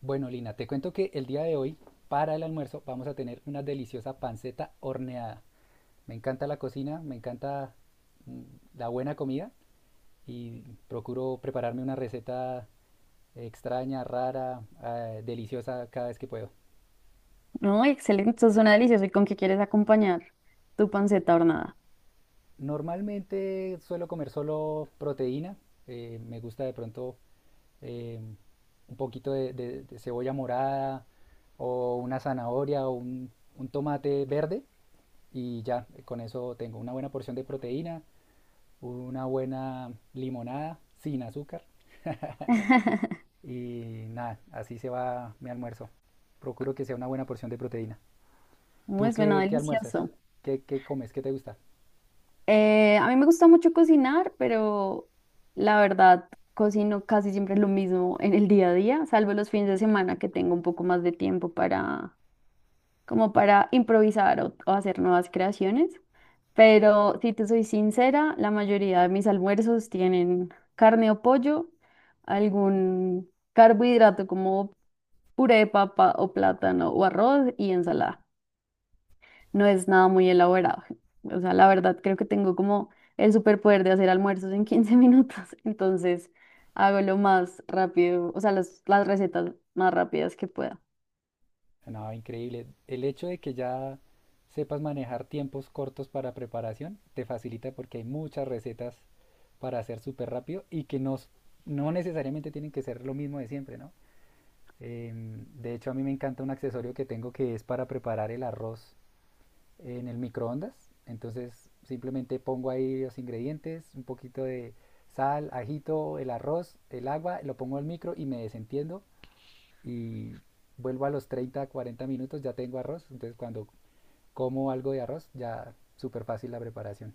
Bueno, Lina, te cuento que el día de hoy, para el almuerzo, vamos a tener una deliciosa panceta horneada. Me encanta la cocina, me encanta mm, la buena comida y procuro prepararme una receta extraña, rara, deliciosa cada vez que puedo. No, excelente, esto suena delicioso. ¿Y con qué quieres acompañar tu panceta hornada? Normalmente suelo comer solo proteína, me gusta de pronto eh, un poquito de cebolla morada o una zanahoria o un tomate verde y ya, con eso tengo una buena porción de proteína, una buena limonada sin azúcar y nada, así se va mi almuerzo. Procuro que sea una buena porción de proteína. ¿Tú Muy suena qué almuerzas? delicioso. ¿Qué comes? ¿Qué te gusta? A mí me gusta mucho cocinar, pero la verdad cocino casi siempre lo mismo en el día a día, salvo los fines de semana que tengo un poco más de tiempo para, como para improvisar o hacer nuevas creaciones. Pero si te soy sincera, la mayoría de mis almuerzos tienen carne o pollo, algún carbohidrato como puré de papa o plátano o arroz y ensalada. No es nada muy elaborado. O sea, la verdad creo que tengo como el superpoder de hacer almuerzos en 15 minutos, entonces hago lo más rápido, o sea, las recetas más rápidas que pueda. No, increíble. El hecho de que ya sepas manejar tiempos cortos para preparación te facilita porque hay muchas recetas para hacer súper rápido y que no necesariamente tienen que ser lo mismo de siempre, ¿no? De hecho, a mí me encanta un accesorio que tengo que es para preparar el arroz en el microondas. Entonces, simplemente pongo ahí los ingredientes, un poquito de sal, ajito, el arroz, el agua, lo pongo al micro y me desentiendo y vuelvo a los 30, 40 minutos, ya tengo arroz. Entonces, cuando como algo de arroz, ya súper fácil la preparación.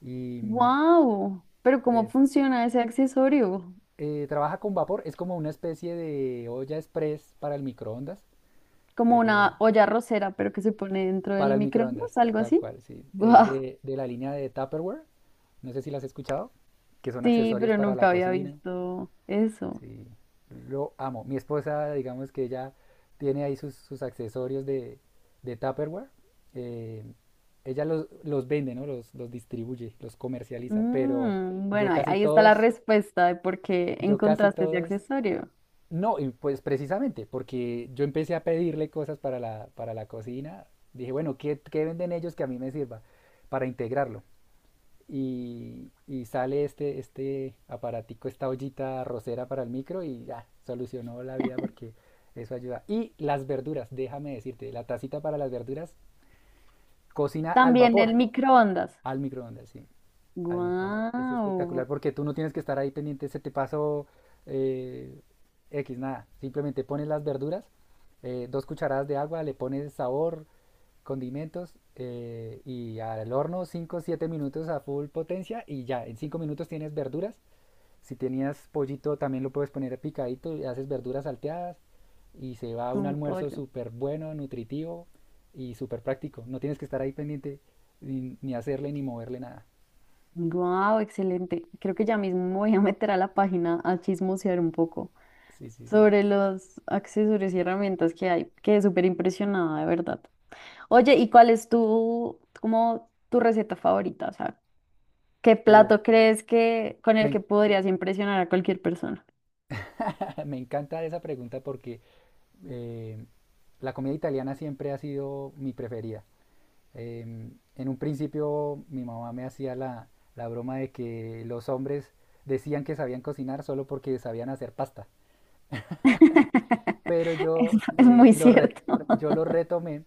Y ¡Wow! Pero ¿cómo es, funciona ese accesorio? Trabaja con vapor, es como una especie de olla express para el microondas. Como Eh, una olla arrocera, pero que se pone dentro del Para el microondas, microondas, algo tal así. cual, sí. Es ¡Wow! de la línea de Tupperware. No sé si las has escuchado, que son Sí, accesorios pero para la nunca había cocina. visto eso. Sí, lo amo. Mi esposa, digamos que ella tiene ahí sus accesorios de Tupperware. Eh, Ella los vende, ¿no? Los distribuye, los comercializa. Pero Mm, yo bueno, ahí, casi ahí está la todos, respuesta de por qué yo casi encontraste ese todos accesorio. no, y pues precisamente, porque yo empecé a pedirle cosas para la cocina, dije, bueno, ¿qué venden ellos que a mí me sirva para integrarlo? Y sale este aparatico, esta ollita rosera para el micro y ya, solucionó la vida porque eso ayuda. Y las verduras, déjame decirte, la tacita para las verduras, cocina al También vapor, el microondas. al microondas, sí al microondas. Es Guau, espectacular porque tú no tienes que estar ahí pendiente, se te pasó eh, X, nada. Simplemente pones las verduras, 2 cucharadas de agua, le pones sabor, condimentos y al horno 5 7 minutos a full potencia y ya, en 5 minutos tienes verduras. Si tenías pollito también lo puedes poner picadito y haces verduras salteadas y se va un con almuerzo pollo. súper bueno, nutritivo y súper práctico. No tienes que estar ahí pendiente ni hacerle ni moverle nada. Guau, excelente. Creo que ya mismo me voy a meter a la página a chismosear un poco Sí, sí, sí. sobre los accesorios y herramientas que hay. Quedé súper impresionada, de verdad. Oye, ¿y cuál es tu, como, tu receta favorita? O sea, ¿qué Uf, plato crees que con me, el que en- podrías impresionar a cualquier persona? me encanta esa pregunta porque eh, la comida italiana siempre ha sido mi preferida. Eh, en un principio mi mamá me hacía la broma de que los hombres decían que sabían cocinar solo porque sabían hacer pasta. Pero Es, yo es muy cierto. yo lo retomé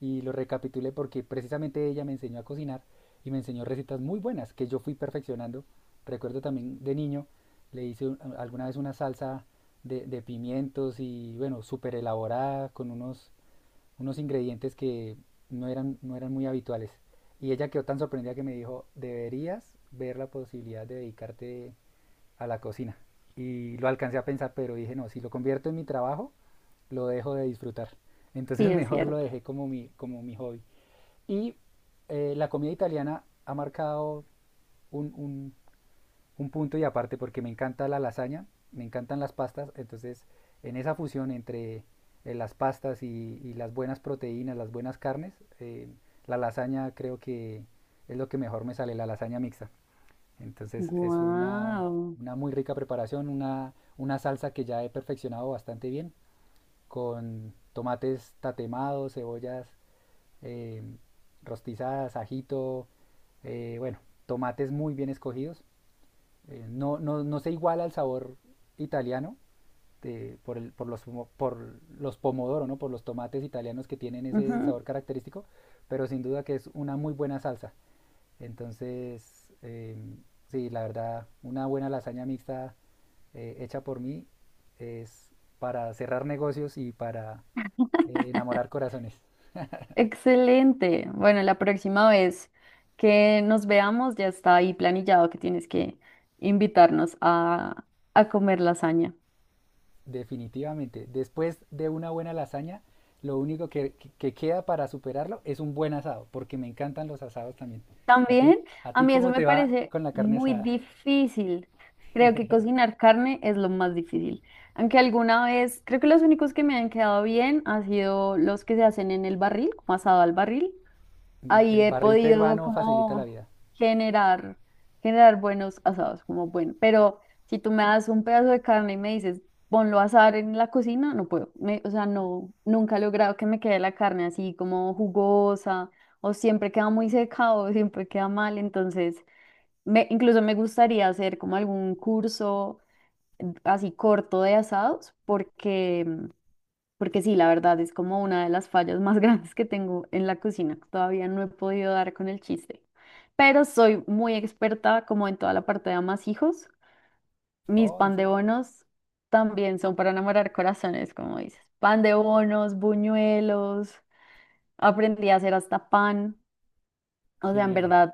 y lo recapitulé porque precisamente ella me enseñó a cocinar y me enseñó recetas muy buenas que yo fui perfeccionando. Recuerdo también de niño, alguna vez una salsa de pimientos y bueno, súper elaborada con unos, unos ingredientes que no eran muy habituales. Y ella quedó tan sorprendida que me dijo, deberías ver la posibilidad de dedicarte a la cocina. Y lo alcancé a pensar, pero dije, no, si lo convierto en mi trabajo, lo dejo de disfrutar. Entonces Sí, es mejor lo cierto. dejé como mi hobby. Y la comida italiana ha marcado un, un- un punto y aparte porque me encanta la lasaña, me encantan las pastas, entonces en esa fusión entre las pastas y las buenas proteínas, las buenas carnes, la lasaña creo que es lo que mejor me sale, la lasaña mixta. Entonces es Wow. una muy rica preparación, una salsa que ya he perfeccionado bastante bien con tomates tatemados, cebollas eh, rostizadas, ajito, bueno, tomates muy bien escogidos. No se iguala al sabor italiano de- por, el- por los, por los pomodoro, ¿no? Por los tomates italianos que tienen ese sabor característico, pero sin duda que es una muy buena salsa. Entonces, sí, la verdad, una buena lasaña mixta hecha por mí es para cerrar negocios y para enamorar corazones, Excelente. Bueno, la próxima vez que nos veamos ya está ahí planillado que tienes que invitarnos a comer lasaña. definitivamente. Después de una buena lasaña, lo único que queda para superarlo es un buen asado, porque me encantan los asados también. También A a ti mí eso cómo me te va parece con la carne muy asada? difícil. Creo que cocinar carne es lo más difícil. Aunque alguna vez, creo que los únicos que me han quedado bien han sido los que se hacen en el barril, como asado al barril. El, Ahí el he barril podido peruano facilita la como vida. generar, generar buenos asados, como bueno, pero si tú me das un pedazo de carne y me dices, ponlo a asar en la cocina, no puedo, me- o sea, no, nunca he logrado que me quede la carne así como jugosa, o siempre queda muy seca, o siempre queda mal, entonces, me, incluso me gustaría hacer como algún curso así corto de asados, porque sí, la verdad es como una de las fallas más grandes que tengo en la cocina. Todavía no he podido dar con el chiste. Pero soy muy experta como en toda la parte de amasijos. Mis Oh, en pan de serio. bonos también son para enamorar corazones, como dices. Pan de bonos, buñuelos. Aprendí a hacer hasta pan. O sea, en Genial, verdad,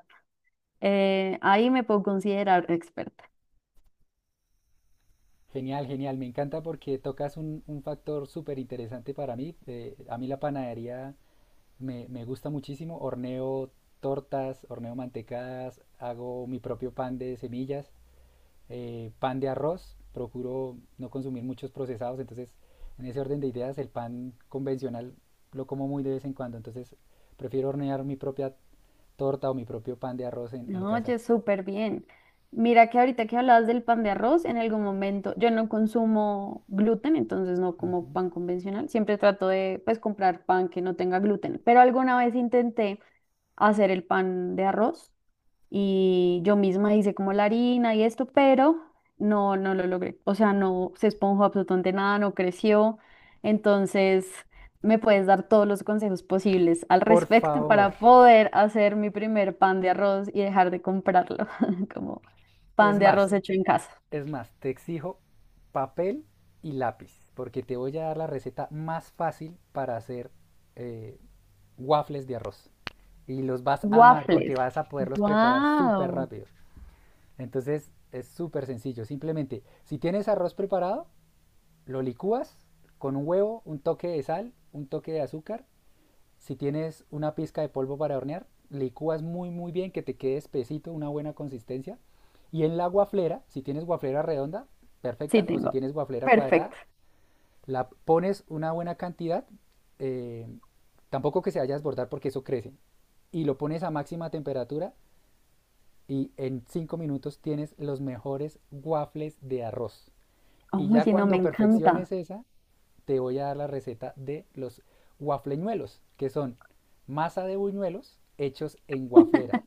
ahí me puedo considerar experta. genial, genial. Me encanta porque tocas un factor súper interesante para mí. A mí la panadería me gusta muchísimo. Horneo tortas, horneo mantecadas, hago mi propio pan de semillas. Pan de arroz, procuro no consumir muchos procesados, entonces en ese orden de ideas el pan convencional lo como muy de vez en cuando, entonces prefiero hornear mi propia torta o mi propio pan de arroz en No, casa. oye, súper bien. Mira que ahorita que hablabas del pan de arroz, en algún momento yo no consumo gluten, entonces no como Ujú. pan convencional. Siempre trato de pues comprar pan que no tenga gluten, pero alguna vez intenté hacer el pan de arroz y yo misma hice como la harina y esto, pero no, no lo logré. O sea, no se esponjó absolutamente nada, no creció. Entonces, me puedes dar todos los consejos posibles al Por respecto favor, para poder hacer mi primer pan de arroz y dejar de comprarlo como pan es de más, arroz hecho en casa. es más, te exijo papel y lápiz, porque te voy a dar la receta más fácil para hacer eh, waffles de arroz. Y los vas a amar porque Waffles. vas a poderlos preparar súper Wow. rápido. Entonces es súper sencillo. Simplemente, si tienes arroz preparado, lo licúas con un huevo, un toque de sal, un toque de azúcar. Si tienes una pizca de polvo para hornear, licúas muy muy bien que te quede espesito, una buena consistencia. Y en la guaflera, si tienes guaflera redonda, Sí, perfecta, o si tengo. tienes guaflera cuadrada, Perfecto. la pones una buena cantidad, eh, tampoco que se vaya a desbordar porque eso crece, y lo pones a máxima temperatura y en 5 minutos tienes los mejores waffles de arroz. Y ya Oye, no, me cuando encanta. perfecciones esa, te voy a dar la receta de los waffleñuelos, que son masa de buñuelos hechos en waflera.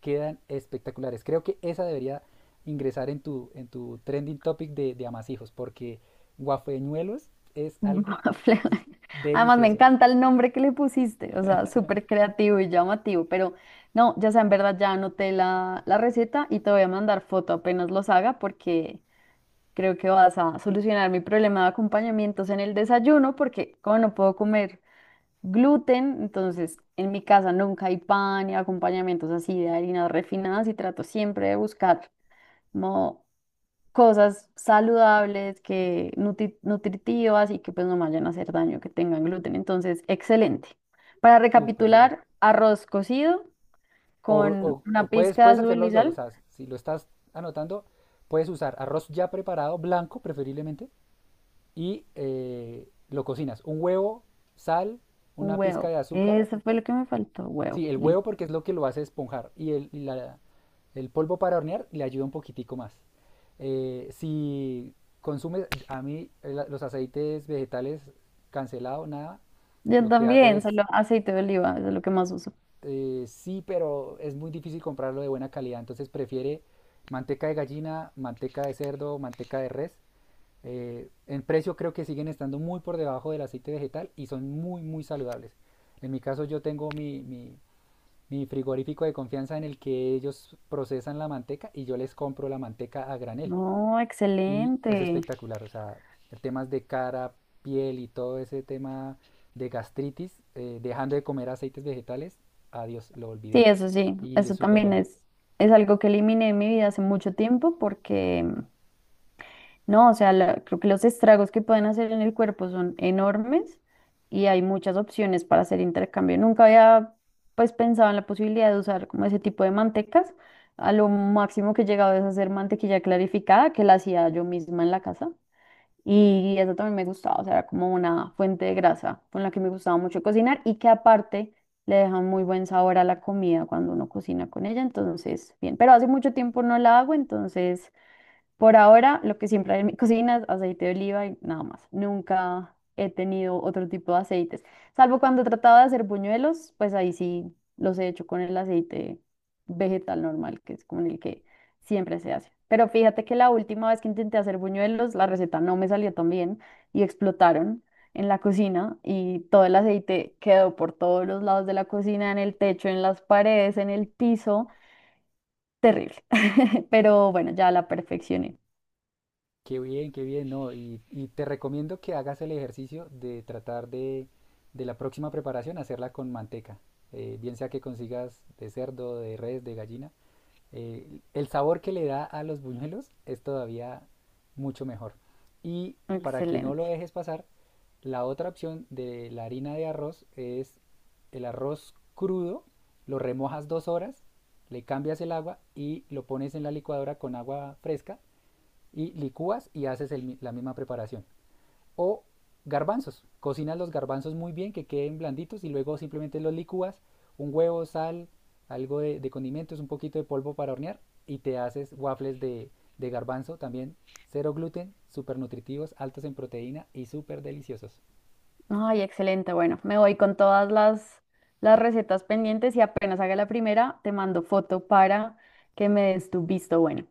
Quedan espectaculares. Creo que esa debería ingresar en tu trending topic de amasijos, porque waffleñuelos es algo Fle- Además, me delicioso, encanta el nombre que le pusiste, o sea, súper creativo y llamativo, pero no, ya sea, en verdad ya anoté la receta y te voy a mandar foto apenas los haga porque creo que vas a solucionar mi problema de acompañamientos en el desayuno porque como no puedo comer gluten, entonces en mi casa nunca hay pan ni acompañamientos así de harinas refinadas y trato siempre de buscar como cosas saludables, que nutri- nutritivas y que pues no vayan a hacer daño, que tengan gluten. Entonces, excelente. Para súper genial. recapitular, arroz cocido O, con o- o una puedes, pizca de puedes hacer azul y los dos, o sal, sea, si lo estás anotando, puedes usar arroz ya preparado, blanco preferiblemente, y lo cocinas. Un huevo, sal, un una pizca huevo. de azúcar. Eso fue lo que me faltó, huevo, Sí, el huevo listo. porque es lo que lo hace esponjar. Y el polvo para hornear le ayuda un poquitico más. Si consumes, a mí los aceites vegetales cancelado, nada, Yo lo que hago también, es solo aceite de oliva, eso es lo que más uso. Sí, pero es muy difícil comprarlo de buena calidad, entonces prefiere manteca de gallina, manteca de cerdo, manteca de res. En precio creo que siguen estando muy por debajo del aceite vegetal y son muy, muy saludables. En mi caso yo tengo mi frigorífico de confianza en el que ellos procesan la manteca y yo les compro la manteca a granel No, y es excelente. espectacular. O sea, temas de cara, piel y todo ese tema de gastritis, dejando de comer aceites vegetales, adiós, lo olvidé. Sí, Y es eso súper también bueno. Es algo que eliminé de mi vida hace mucho tiempo porque no, o sea, la- creo que los estragos que pueden hacer en el cuerpo son enormes y hay muchas opciones para hacer intercambio. Nunca había pues pensado en la posibilidad de usar como ese tipo de mantecas. A lo máximo que he llegado es hacer mantequilla clarificada, que la hacía yo misma en la casa. Y eso también me gustaba, o sea, era como una fuente de grasa con la que me gustaba mucho cocinar y que aparte le deja muy buen sabor a la comida cuando uno cocina con ella. Entonces, bien, pero hace mucho tiempo no la hago, entonces... Por ahora, lo que siempre hay en mi cocina es aceite de oliva y nada más. Nunca he tenido otro tipo de aceites, salvo cuando he tratado de hacer buñuelos, pues ahí sí los he hecho con el aceite vegetal normal, que es con el que siempre se hace. Pero fíjate que la última vez que intenté hacer buñuelos, la receta no me salió tan bien y explotaron en la cocina y todo el aceite quedó por todos los lados de la cocina, en el techo, en las paredes, en el piso. Terrible. Pero bueno, ya la perfeccioné. Qué bien, no. Y te recomiendo que hagas el ejercicio de tratar de la próxima preparación hacerla con manteca. Bien sea que consigas de cerdo, de res, de gallina, el sabor que le da a los buñuelos es todavía mucho mejor. Y para que no Excelente. lo dejes pasar, la otra opción de la harina de arroz es el arroz crudo, lo remojas 2 horas, le cambias el agua y lo pones en la licuadora con agua fresca y licúas y haces el la misma preparación. O garbanzos. Cocinas los garbanzos muy bien, que queden blanditos y luego simplemente los licúas, un huevo, sal, algo de condimentos, un poquito de polvo para hornear y te haces waffles de garbanzo también, cero gluten, súper nutritivos, altos en proteína y súper deliciosos. Ay, excelente. Bueno, me voy con todas las recetas pendientes y apenas haga la primera, te mando foto para que me des tu visto bueno.